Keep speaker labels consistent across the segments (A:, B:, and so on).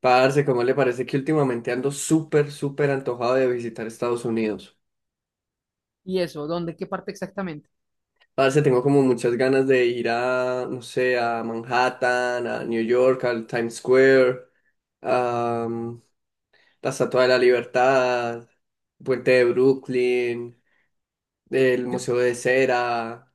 A: Parce, ¿cómo le parece que últimamente ando súper antojado de visitar Estados Unidos?
B: ¿Y eso? ¿Dónde? ¿Qué parte exactamente?
A: Parce, tengo como muchas ganas de ir a, no sé, a Manhattan, a New York, al Times Square, a mm, la Estatua de la Libertad, Puente de Brooklyn, el
B: Yo
A: Museo de Cera,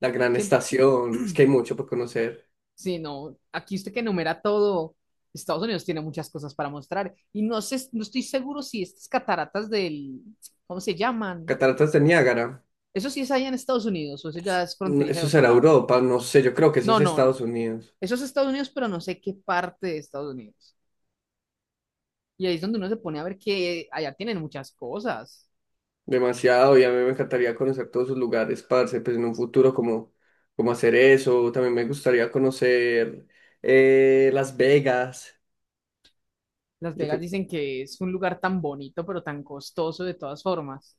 A: la Gran
B: siempre,
A: Estación. Es que hay mucho por conocer.
B: sí, no, aquí usted que enumera todo, Estados Unidos tiene muchas cosas para mostrar y no sé, no estoy seguro si estas cataratas del, ¿cómo se llaman?
A: Cataratas de Niágara.
B: ¿Eso sí es allá en Estados Unidos o eso ya es
A: No,
B: fronteriza
A: eso
B: de otro
A: será
B: lado?
A: Europa, no sé, yo creo que eso es
B: No, no,
A: Estados
B: no.
A: Unidos.
B: Eso es Estados Unidos, pero no sé qué parte de Estados Unidos. Y ahí es donde uno se pone a ver que allá tienen muchas cosas.
A: Demasiado, y a mí me encantaría conocer todos sus lugares, parce, pues en un futuro como, como hacer eso, también me gustaría conocer Las Vegas,
B: Las
A: yo
B: Vegas
A: que
B: dicen que es un lugar tan bonito, pero tan costoso de todas formas.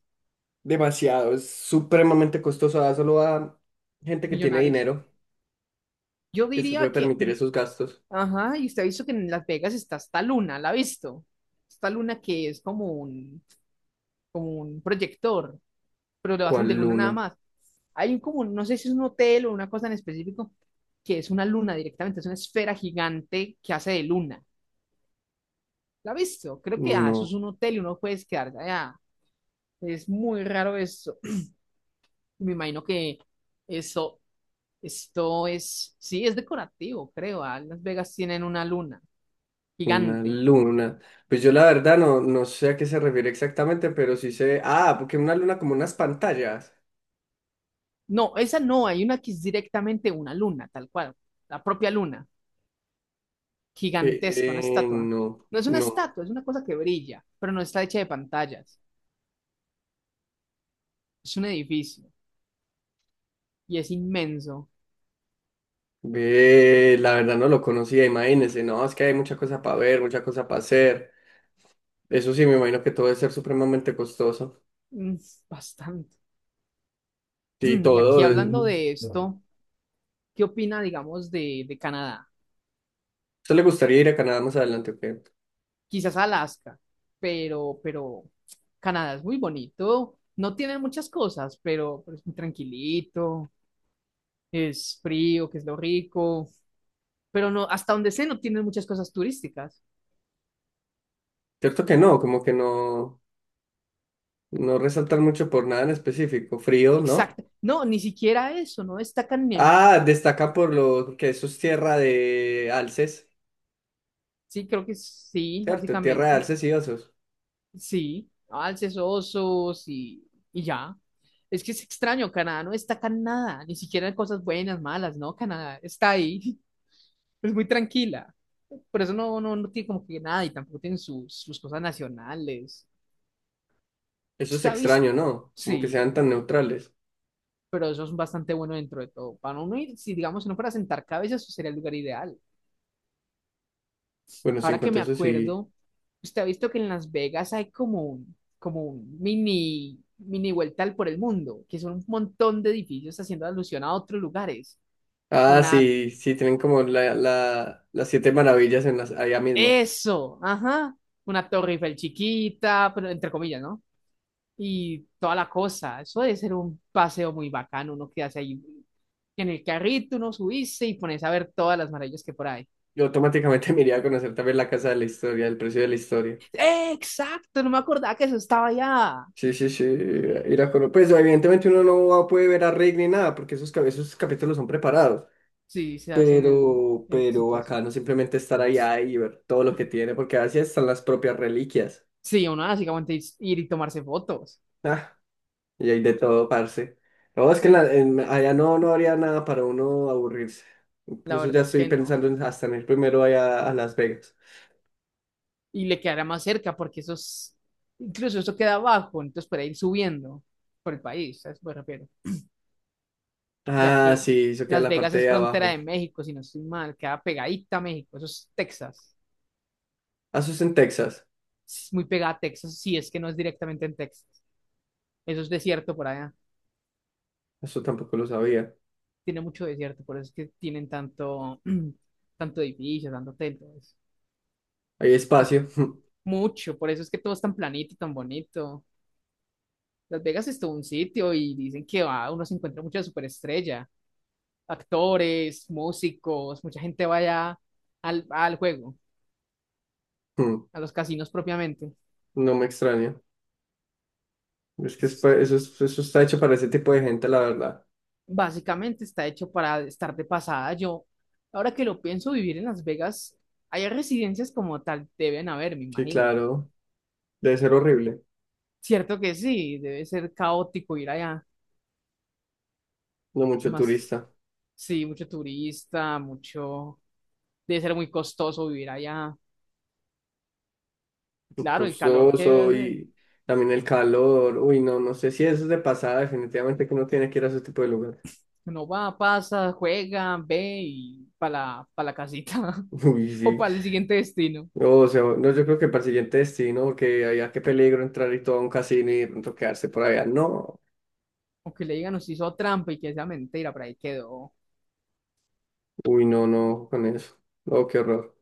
A: demasiado, es supremamente costoso, solo a gente que tiene
B: Millonarios.
A: dinero
B: Yo
A: que se puede
B: diría que
A: permitir esos gastos.
B: ajá, y usted ha visto que en Las Vegas está esta luna, ¿la ha visto? Esta luna que es como un proyector, pero lo hacen de
A: ¿Cuál
B: luna nada
A: luna?
B: más. Hay un como, no sé si es un hotel o una cosa en específico, que es una luna directamente, es una esfera gigante que hace de luna. ¿La ha visto? Creo que eso es
A: No,
B: un hotel y uno puede quedarse allá. Es muy raro eso. Me imagino que eso, esto es, sí, es decorativo, creo. Las Vegas tienen una luna
A: una
B: gigante.
A: luna. Pues yo la verdad no, no sé a qué se refiere exactamente, pero sí sé, porque una luna como unas pantallas.
B: No, esa no, hay una que es directamente una luna, tal cual, la propia luna, gigantesca, una estatua. No es una
A: No.
B: estatua, es una cosa que brilla, pero no está hecha de pantallas. Es un edificio y es inmenso,
A: Ve, la verdad no lo conocía, imagínese, no, es que hay mucha cosa para ver, mucha cosa para hacer. Eso sí, me imagino que todo debe ser supremamente costoso.
B: mm, bastante.
A: Sí,
B: Y
A: todo.
B: aquí
A: Es-
B: hablando de esto, ¿qué opina, digamos, de Canadá?
A: ¿Usted le gustaría ir a Canadá más adelante o qué?
B: Quizás Alaska, pero Canadá es muy bonito, no tiene muchas cosas, pero es muy tranquilito, es frío, que es lo rico, pero no, hasta donde sé, no tienen muchas cosas turísticas.
A: Cierto que no, como que no, no resaltan mucho por nada en específico. Frío, ¿no?
B: Exacto. No, ni siquiera eso, no destacan bien.
A: Ah, destaca por lo que eso es tierra de alces,
B: Sí, creo que sí,
A: ¿cierto? Tierra de
B: básicamente.
A: alces y osos.
B: Sí, alces, osos y ya. Es que es extraño, Canadá no destaca nada, ni siquiera en cosas buenas, malas, ¿no? Canadá está ahí, es muy tranquila. Por eso no, no, no tiene como que nada y tampoco tienen sus, sus cosas nacionales.
A: Eso es
B: Está visto,
A: extraño, ¿no? Como que
B: sí,
A: sean tan neutrales.
B: pero eso es bastante bueno dentro de todo. Para uno ir, si digamos, si no fuera a sentar cabezas, sería el lugar ideal.
A: Bueno, sí, en
B: Ahora que
A: cuanto
B: me
A: a eso sí.
B: acuerdo, usted ha visto que en Las Vegas hay como un mini, mini vuelta al por el mundo, que son un montón de edificios haciendo alusión a otros lugares.
A: Ah,
B: Una,
A: sí, sí, tienen como las siete maravillas en las, allá mismo.
B: eso, ajá, una Torre Eiffel chiquita, pero entre comillas, ¿no? Y toda la cosa. Eso debe ser un paseo muy bacano, uno quedarse ahí en el carrito, uno subirse y pones a ver todas las maravillas que por ahí.
A: Yo automáticamente me iría a conocer también la casa de la historia, el precio de la historia.
B: ¡Eh, exacto! No me acordaba que eso estaba allá.
A: Sí, sí, sí, ir a conocer. Pues evidentemente uno no va- puede ver a Rick ni nada, porque esos, cap- esos capítulos son preparados.
B: Sí, se hacen
A: Pero,
B: en
A: pero acá
B: situación.
A: no simplemente estar allá y ver todo lo que tiene, porque así están las propias reliquias.
B: Sí, uno básicamente es ir y tomarse fotos.
A: Ah, y hay de todo, parce. No, es que en
B: Y
A: la- en- allá no, no habría nada para uno aburrirse.
B: la
A: Incluso ya
B: verdad es
A: estoy
B: que no.
A: pensando en hasta en ir primero allá a Las Vegas.
B: Y le quedará más cerca porque eso es, incluso eso queda abajo, entonces para ir subiendo por el país, ¿sabes? Me refiero. Ya
A: Ah,
B: que
A: sí, eso queda en
B: Las
A: la
B: Vegas
A: parte
B: es
A: de
B: frontera de
A: abajo.
B: México, si no estoy mal, queda pegadita a México, eso es Texas.
A: Ah, eso es en Texas.
B: Es muy pegada a Texas, si es que no es directamente en Texas. Eso es desierto por allá.
A: Eso tampoco lo sabía.
B: Tiene mucho desierto, por eso es que tienen tanto, tanto edificio, tanto hotel, todo eso.
A: Hay
B: Entonces,
A: espacio.
B: mucho, por eso es que todo es tan planito, tan bonito. Las Vegas es todo un sitio y dicen que va, uno se encuentra mucha superestrella, actores, músicos, mucha gente va allá al, al juego, a los casinos propiamente.
A: No me extraña. Es que es
B: Es-
A: pa- eso, es- eso está hecho para ese tipo de gente, la verdad.
B: básicamente está hecho para estar de pasada. Yo, ahora que lo pienso, vivir en Las Vegas, hay residencias como tal, deben haber, me
A: Sí,
B: imagino.
A: claro. Debe ser horrible.
B: Cierto que sí, debe ser caótico ir allá.
A: No
B: Y
A: mucho
B: más,
A: turista.
B: sí, mucho turista, mucho, debe ser muy costoso vivir allá. Claro, el calor que debe
A: Costoso
B: hacer.
A: y también el calor. Uy, no, no sé si eso es de pasada. Definitivamente que uno tiene que ir a ese tipo de lugar.
B: Uno va, pasa, juega, ve y para la, pa' la casita
A: Uy,
B: o
A: sí.
B: para el siguiente destino.
A: No, o sea, no, yo creo que para el siguiente destino, que haya qué peligro entrar y todo a un casino y de pronto quedarse por allá. No.
B: O que le digan, nos hizo trampa y que sea mentira, por ahí quedó.
A: Uy, no, no, con eso. Oh, qué horror.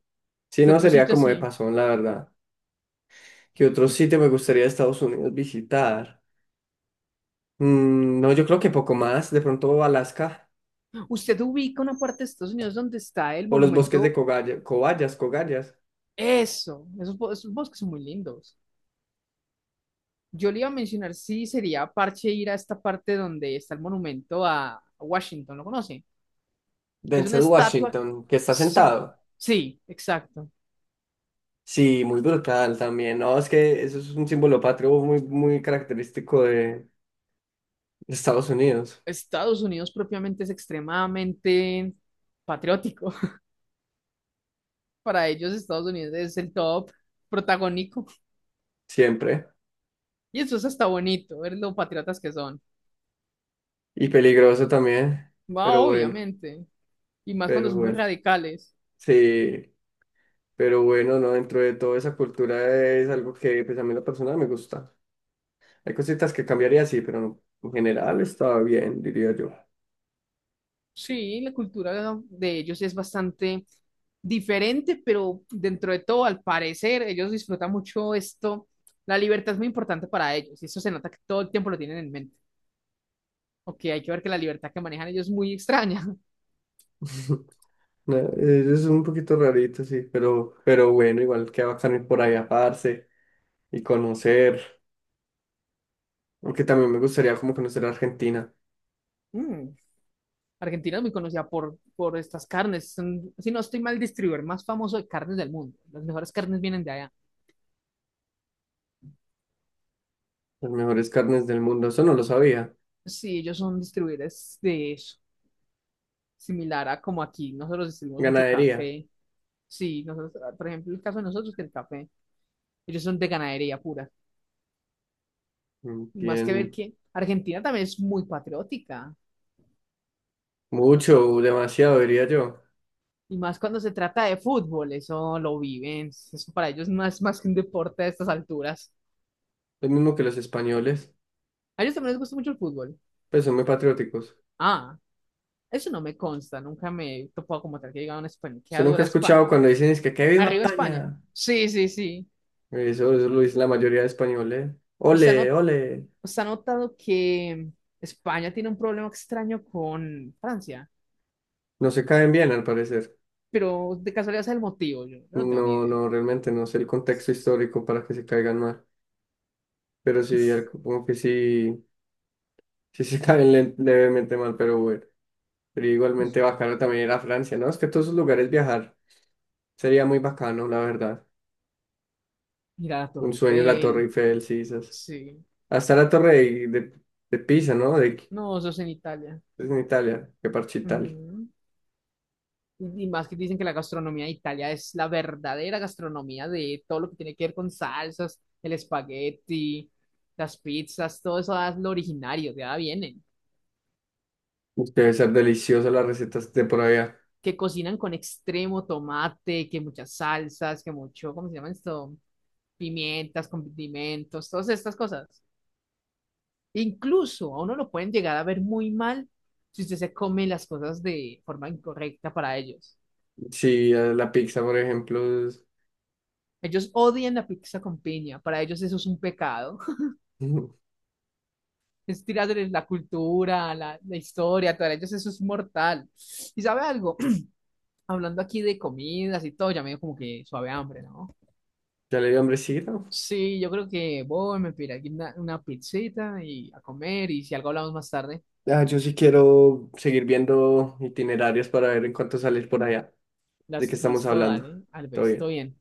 A: Si
B: ¿Qué
A: no,
B: otro
A: sería
B: sitio
A: como de
B: así?
A: pasón, la verdad. ¿Qué otro sitio me gustaría de Estados Unidos visitar? Mm, no, yo creo que poco más. De pronto Alaska
B: ¿Usted ubica una parte de Estados Unidos donde está el
A: o los bosques de
B: monumento?
A: Cogaya, Cobayas, Cobayas.
B: Eso, esos, bo- esos bosques son muy lindos. Yo le iba a mencionar si sería parche ir a esta parte donde está el monumento a Washington, ¿lo conoce? Es una
A: Denzel
B: estatua.
A: Washington, que está
B: Sí,
A: sentado.
B: sí, exacto.
A: Sí, muy brutal también. No, es que eso es un símbolo patrio muy, muy característico de Estados Unidos.
B: Estados Unidos propiamente es extremadamente patriótico. Para ellos Estados Unidos es el top protagónico.
A: Siempre.
B: Y eso es hasta bonito, ver lo patriotas que son.
A: Y peligroso también.
B: Va,
A: Pero bueno,
B: obviamente. Y más cuando
A: pero
B: son muy
A: bueno.
B: radicales.
A: Sí. Pero bueno, no, dentro de toda esa cultura es algo que pues a mí en lo personal me gusta. Hay cositas que cambiaría, sí, pero no, en general estaba bien, diría yo.
B: Sí, la cultura de ellos es bastante diferente, pero dentro de todo, al parecer, ellos disfrutan mucho esto. La libertad es muy importante para ellos, y eso se nota que todo el tiempo lo tienen en mente. Ok, hay que ver que la libertad que manejan ellos es muy extraña.
A: No, eso es un poquito rarito, sí, pero bueno, igual que bacano ir por allá, parce, y conocer, aunque también me gustaría como conocer Argentina,
B: Mm. Argentina es muy conocida por estas carnes. Son, si no estoy mal, distribuidor más famoso de carnes del mundo. Las mejores carnes vienen de allá.
A: las mejores carnes del mundo, eso no lo sabía.
B: Sí, ellos son distribuidores de eso. Similar a como aquí, nosotros distribuimos mucho
A: Ganadería,
B: café. Sí, nosotros, por ejemplo, el caso de nosotros, que el café, ellos son de ganadería pura. Y más que ver
A: tienen
B: que Argentina también es muy patriótica.
A: mucho, demasiado, diría yo.
B: Y más cuando se trata de fútbol, eso lo viven. Eso para ellos no es más que un deporte a estas alturas.
A: Lo mismo que los españoles,
B: A ellos también les gusta mucho el fútbol.
A: pues son muy patrióticos.
B: Ah, Eso no me consta, nunca me he topado como tal que diga una España. ¿Qué
A: Yo nunca he
B: dura España?
A: escuchado cuando dicen es que viva
B: ¿Arriba España?
A: España.
B: Sí, sí, sí.
A: Eso lo dice la mayoría de españoles.
B: ¿Usted ha,
A: Ole,
B: not-
A: ole.
B: usted ha notado que España tiene un problema extraño con Francia?
A: No se caen bien, al parecer.
B: Pero de casualidad es el motivo, yo no tengo ni
A: No,
B: idea.
A: no, realmente no sé el contexto histórico para que se caigan mal. Pero sí, al- como que sí, sí se caen le- levemente mal, pero bueno. Pero
B: Pues,
A: igualmente bacano también ir a Francia, ¿no? Es que a todos esos lugares viajar sería muy bacano, la verdad.
B: ir a la
A: Un
B: Torre
A: sueño la Torre
B: Eiffel,
A: Eiffel, sí, esas.
B: sí.
A: Hasta la Torre de Pisa, ¿no? De,
B: No, eso es en Italia.
A: es en Italia, que parche Italia.
B: Ujú. Y más que dicen que la gastronomía de Italia es la verdadera gastronomía de todo lo que tiene que ver con salsas, el espagueti, las pizzas, todo eso es lo originario, de ahí vienen.
A: Debe ser deliciosa las recetas de por allá.
B: Que cocinan con extremo tomate, que muchas salsas, que mucho, ¿cómo se llama esto? Pimientas, condimentos, todas estas cosas. Incluso a uno lo pueden llegar a ver muy mal si usted se come las cosas de forma incorrecta para ellos.
A: Sí, la pizza, por ejemplo, es-
B: Ellos odian la pizza con piña, para ellos eso es un pecado.
A: Ujú.
B: Es tirarles la cultura, la historia, para ellos eso es mortal. ¿Y sabe algo? Hablando aquí de comidas y todo, ya me dio como que suave hambre, ¿no?
A: Ya le dio hambrecita.
B: Sí, yo creo que voy, me pediré aquí una pizzita y a comer, y si algo hablamos más tarde,
A: Ah, yo sí quiero seguir viendo itinerarios para ver en cuánto salir por allá. ¿De qué
B: las,
A: estamos
B: listo,
A: hablando?
B: dale,
A: Todo
B: Alves, todo
A: bien.
B: bien.